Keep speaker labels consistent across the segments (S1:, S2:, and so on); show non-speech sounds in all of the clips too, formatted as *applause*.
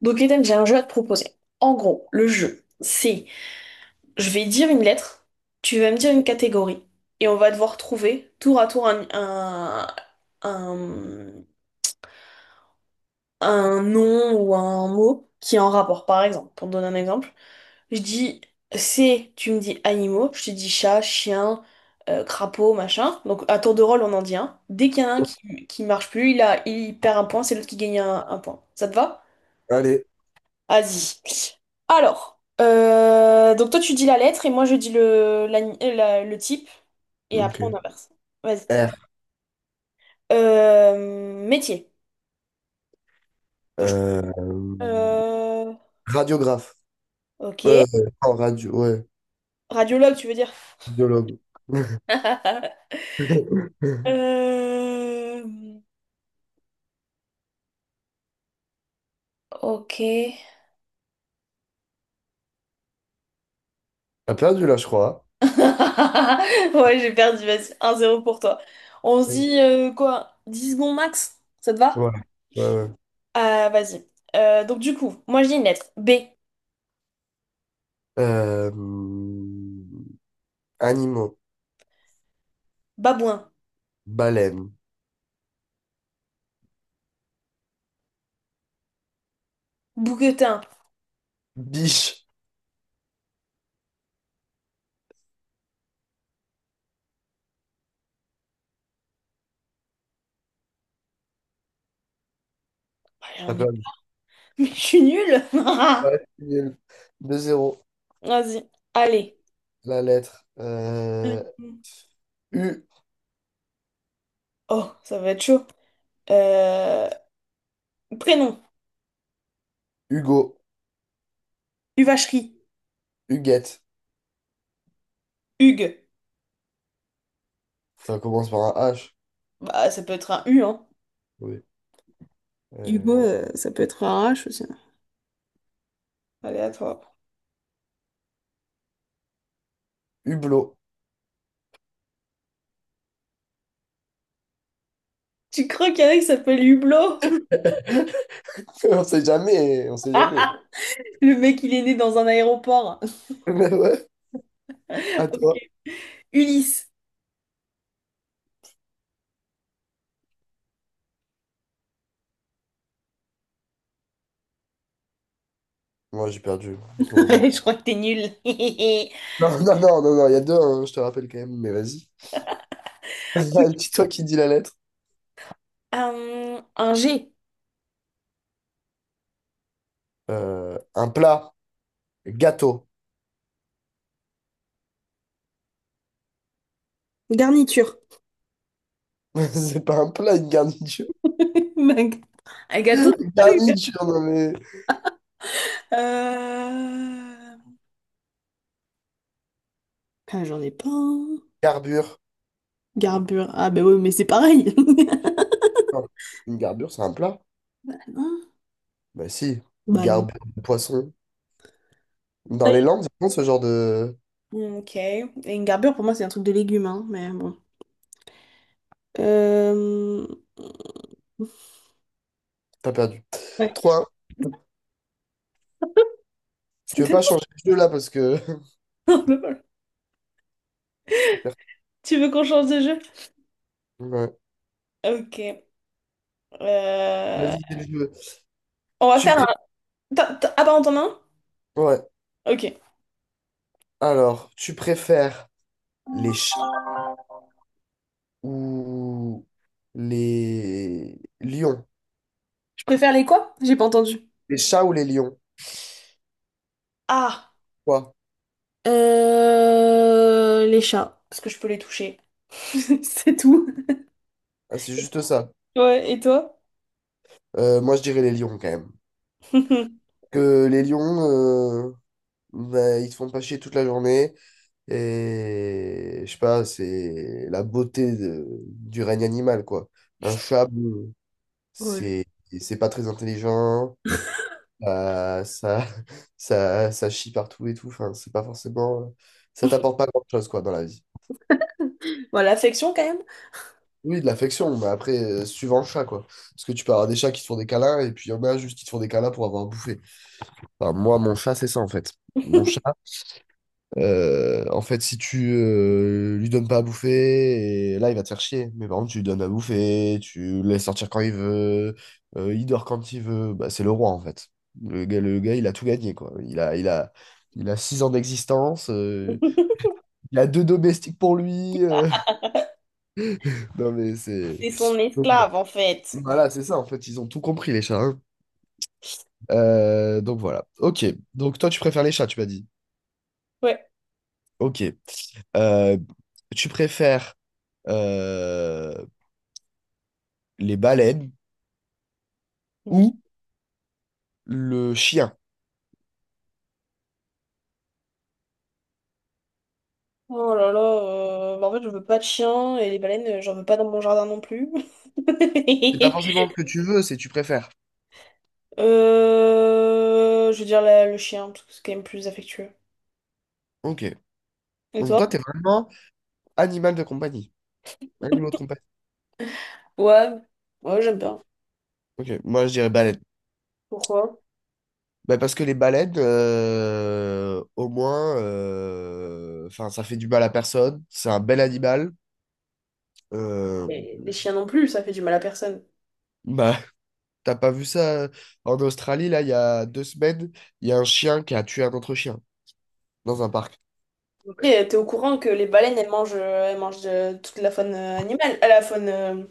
S1: Donc Ethan, j'ai un jeu à te proposer. En gros, le jeu, c'est je vais dire une lettre, tu vas me dire une catégorie, et on va devoir trouver tour à tour un, un nom ou un mot qui est en rapport. Par exemple, pour te donner un exemple, je dis c'est, tu me dis animaux, je te dis chat, chien, crapaud, machin. Donc à tour de rôle, on en dit un. Dès qu'il y en a un qui marche plus, il perd un point, c'est l'autre qui gagne un point. Ça te va?
S2: Allez,
S1: Vas-y. Alors, donc toi tu dis la lettre et moi je dis le type et après
S2: ok.
S1: on inverse. Vas-y.
S2: R.
S1: Métier. Donc, je-
S2: Euh,
S1: euh,
S2: radiographe.
S1: ok.
S2: Euh, En radio, ouais.
S1: Radiologue, tu veux dire?
S2: Radiologue. *laughs*
S1: *laughs* Euh, ok. *laughs*
S2: T'as perdu là, je crois.
S1: Ouais, j'ai perdu, vas-y. 1-0 pour toi. On se
S2: Hein.
S1: dit quoi? 10 secondes max? Ça te va?
S2: Voilà. Ouais, ouais.
S1: Vas-y. Donc du coup, moi je dis une lettre. B.
S2: Euh, Animaux.
S1: Babouin.
S2: Baleine.
S1: Bouquetin.
S2: Biche. T'as perdu.
S1: *laughs* Je suis nulle.
S2: Ouais,
S1: *laughs*
S2: c'est nul. 2-0.
S1: Vas-y. Allez.
S2: La lettre.
S1: Euh,
S2: U.
S1: Oh, ça va être chaud. Euh, Prénom.
S2: Hugo.
S1: Huvacherie.
S2: Huguette.
S1: Hugues.
S2: Ça commence par un H.
S1: Bah, ça peut être un U, hein.
S2: Oui.
S1: Hugo,
S2: Euh,
S1: ça peut être un H aussi. Allez, à toi.
S2: Hublot.
S1: Tu crois qu'il y en a qui s'appelle Hublot? *laughs*
S2: *laughs* On sait jamais. On sait jamais.
S1: Le mec, il est né dans un aéroport.
S2: *laughs* Mais ouais, à
S1: *laughs*
S2: toi.
S1: Ulysse.
S2: Moi, j'ai perdu. Bon, bon.
S1: *laughs* Je crois que t'es nul. *laughs*
S2: Non, non, non, non, non, il y a deux, hein, je te rappelle quand même, mais vas-y. *laughs* Dis-toi qui dit la lettre.
S1: Un G.
S2: Un plat, gâteau.
S1: Garniture.
S2: *laughs* C'est pas un plat, une garniture.
S1: *laughs* Mag- Un
S2: *laughs*
S1: gâteau de
S2: Une
S1: cul.
S2: garniture, non mais.
S1: Euh... Ah, j'en ai pas. Un.
S2: Garbure.
S1: Garbure. Ah ben oui, mais c'est pareil. *laughs*
S2: Non, une garbure, c'est un plat?
S1: Bah non.
S2: Bah si, une
S1: Bah non.
S2: garbure de poisson.
S1: Ah
S2: Dans les
S1: oui.
S2: Landes, ils font ce genre de.
S1: Hmm, ok. Et une garbure, pour moi, c'est un truc de légumes, hein, mais bon. Euh...
S2: T'as perdu.
S1: Ouais.
S2: 3.
S1: *laughs* C'est
S2: Tu veux pas
S1: tellement
S2: changer de jeu là parce que.
S1: drôle.
S2: *laughs*
S1: Tu veux qu'on change de jeu?
S2: Ouais.
S1: Ok. Euh,
S2: Vas-y, c'est le jeu.
S1: On va
S2: Tu
S1: faire
S2: pré...
S1: un... Ah bah on t'en a un?
S2: Ouais.
S1: Ok.
S2: Alors, tu préfères les ou les lions.
S1: Je préfère les quoi? J'ai pas entendu.
S2: Les chats ou les lions?
S1: Ah,
S2: Quoi?
S1: euh... Les chats, parce que je peux les toucher. *laughs* C'est tout.
S2: Ah, c'est juste ça.
S1: Ouais, et toi?
S2: Moi, je dirais les lions quand même.
S1: *laughs*
S2: Que les lions, bah, ils se font pas chier toute la journée. Et je sais pas, c'est la beauté du règne animal, quoi. Un chat, bon,
S1: Ouais.
S2: c'est c'est pas très intelligent. Ça, *laughs* ça chie partout et tout. Enfin, c'est pas forcément. Ça t'apporte pas grand-chose, quoi, dans la vie.
S1: Voilà, l'affection quand même.
S2: Oui, de l'affection, mais après, suivant le chat, quoi. Parce que tu peux avoir des chats qui te font des câlins, et puis il y en a juste qui te font des câlins pour avoir bouffé. Enfin, moi, mon chat, c'est ça, en fait. Mon chat, en fait, si tu lui donnes pas à bouffer, et là, il va te faire chier. Mais par contre, tu lui donnes à bouffer, tu le laisses sortir quand il veut, il dort quand il veut, bah, c'est le roi, en fait. Le gars, il a tout gagné, quoi. Il a six ans d'existence, il a deux domestiques pour lui. *laughs* Non, mais c'est...
S1: C'est son esclave, en fait.
S2: Voilà, c'est ça, en fait, ils ont tout compris, les chats. Hein. Donc voilà. Ok. Donc toi, tu préfères les chats, tu m'as dit.
S1: Ouais.
S2: Ok. Euh, Tu préfères euh, les baleines
S1: Ok.
S2: ou le chien?
S1: Oh là là, bah en fait, je veux pas de chien et les baleines, j'en veux pas dans mon jardin non plus.
S2: C'est pas forcément
S1: *laughs*
S2: ce que tu veux, c'est tu préfères.
S1: Je veux dire le chien, parce que c'est quand même plus affectueux.
S2: Ok.
S1: Et
S2: Donc
S1: toi?
S2: toi, t'es vraiment animal de compagnie. Animaux de compagnie.
S1: Ouais, ouais, j'aime bien.
S2: Ok. Moi, je dirais baleine.
S1: Pourquoi?
S2: Bah, parce que les baleines, au moins, enfin, ça fait du mal à personne. C'est un bel animal. Euh,
S1: Et les chiens non plus, ça fait du mal à personne.
S2: bah, T'as pas vu ça en Australie, là, il y a deux semaines, il y a un chien qui a tué un autre chien dans un parc.
S1: Et t'es au courant que les baleines, elles mangent, toute la faune animale,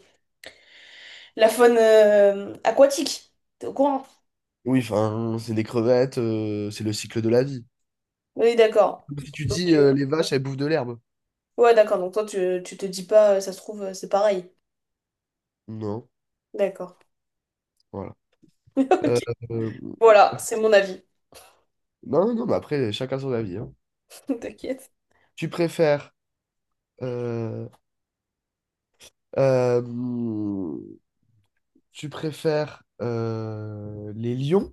S1: la faune aquatique. T'es au courant?
S2: Oui, enfin, c'est des crevettes, c'est le cycle de la vie.
S1: Oui, d'accord.
S2: Comme si tu dis les vaches, elles bouffent de l'herbe.
S1: Ouais, d'accord. Donc toi, tu te dis pas, ça se trouve, c'est pareil.
S2: Non,
S1: D'accord.
S2: voilà.
S1: *laughs* Ok.
S2: Euh, euh,
S1: Voilà, c'est mon avis.
S2: non, non, non, mais après, chacun son avis. Hein.
S1: *laughs* T'inquiète.
S2: Tu préfères, euh, euh, Tu préfères les lions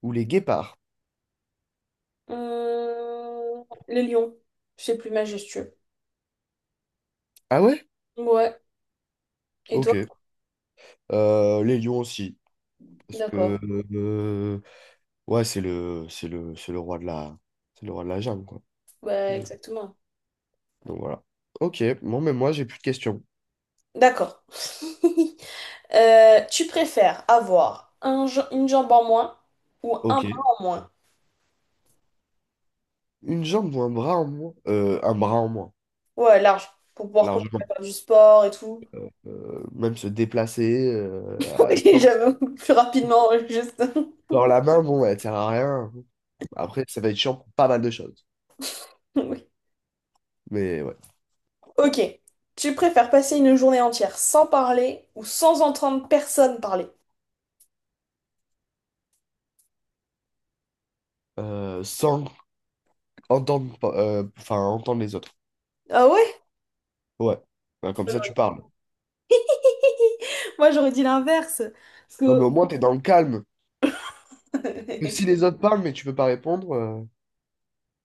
S2: ou les guépards?
S1: Les lions. C'est plus majestueux.
S2: Ah ouais?
S1: Ouais. Et toi?
S2: Ok. Les lions aussi. Parce
S1: D'accord.
S2: que euh, ouais, c'est le roi c'est le roi de la jungle, quoi. Mmh.
S1: Bah,
S2: Donc
S1: exactement.
S2: voilà. Ok, bon, mais moi, j'ai plus de questions.
S1: D'accord. *laughs* Tu préfères avoir un, une jambe en moins ou un
S2: Ok.
S1: bras en moins?
S2: Une jambe ou un bras en moins? Un bras en moins,
S1: Ouais, large. Pour pouvoir continuer
S2: largement.
S1: à faire du sport et tout.
S2: Même se déplacer,
S1: *laughs* Et j'avoue. Plus rapidement, juste.
S2: sans la main, bon, elle sert à rien. Après, ça va être chiant pour pas mal de choses.
S1: *laughs*
S2: Mais ouais.
S1: Ok. Tu préfères passer une journée entière sans parler ou sans entendre personne parler?
S2: Sans entendre, pa- Enfin, entendre les autres.
S1: Ah ouais?
S2: Ouais. Ben, comme
S1: Moi,
S2: ça, tu
S1: j'aurais
S2: parles.
S1: *laughs* Moi, j'aurais dit l'inverse. Parce
S2: Non,
S1: que,
S2: mais au moins, t'es dans le calme. Que si
S1: *laughs*
S2: les autres parlent, mais tu peux pas répondre,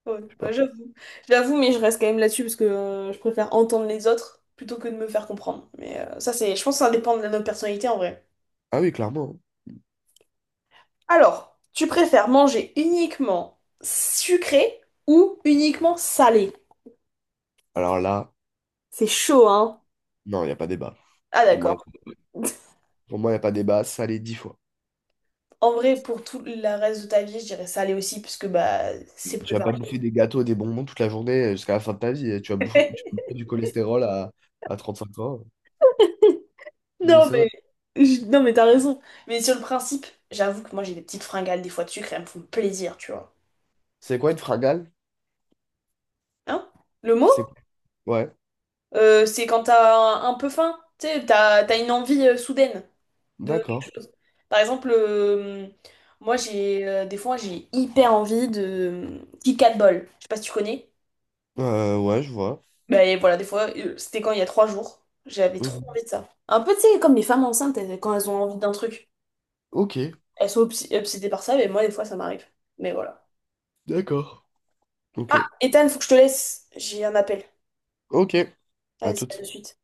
S1: ouais,
S2: je sais
S1: bah,
S2: pas.
S1: j'avoue. J'avoue, mais je reste quand même là-dessus parce que je préfère entendre les autres plutôt que de me faire comprendre. Mais je pense que ça dépend de notre personnalité en vrai.
S2: Ah oui, clairement.
S1: Alors, tu préfères manger uniquement sucré ou uniquement salé?
S2: Alors là.
S1: C'est chaud, hein?
S2: Non, il n'y a pas débat.
S1: Ah,
S2: Pour moi,
S1: d'accord.
S2: pour moi, il n'y a pas débat. Salé dix fois.
S1: En vrai, pour tout le reste de ta vie, je dirais salé aussi, puisque bah, c'est
S2: Tu
S1: plus
S2: vas pas
S1: varié.
S2: bouffer des gâteaux, des bonbons toute la journée jusqu'à la fin de ta vie. Tu vas
S1: *laughs*
S2: bouffer du cholestérol à trente-cinq ans. Non, mais
S1: Non,
S2: c'est vrai.
S1: mais... non, mais t'as raison. Mais sur le principe, j'avoue que moi, j'ai des petites fringales, des fois de sucre, et elles me font plaisir, tu vois.
S2: C'est quoi une fragale?
S1: Hein? Le mot,
S2: C'est quoi- Ouais,
S1: c'est quand t'as un peu faim, tu sais, t'as une envie soudaine de
S2: d'accord.
S1: quelque chose. Par exemple, moi, j'ai des fois, j'ai hyper envie de Kit Kat Ball. Je sais pas si tu connais.
S2: Ouais, je vois.
S1: Mais voilà, des fois, c'était quand il y a 3 jours, j'avais trop
S2: Mhm.
S1: envie de ça. Un peu, tu sais, comme les femmes enceintes, quand elles ont envie d'un truc,
S2: Ok,
S1: elles sont obsédées par ça, mais moi, des fois, ça m'arrive. Mais voilà.
S2: d'accord. Ok,
S1: Ah, Ethan, faut que je te laisse. J'ai un appel.
S2: ok. À
S1: Vas-y, à de
S2: toute.
S1: suite.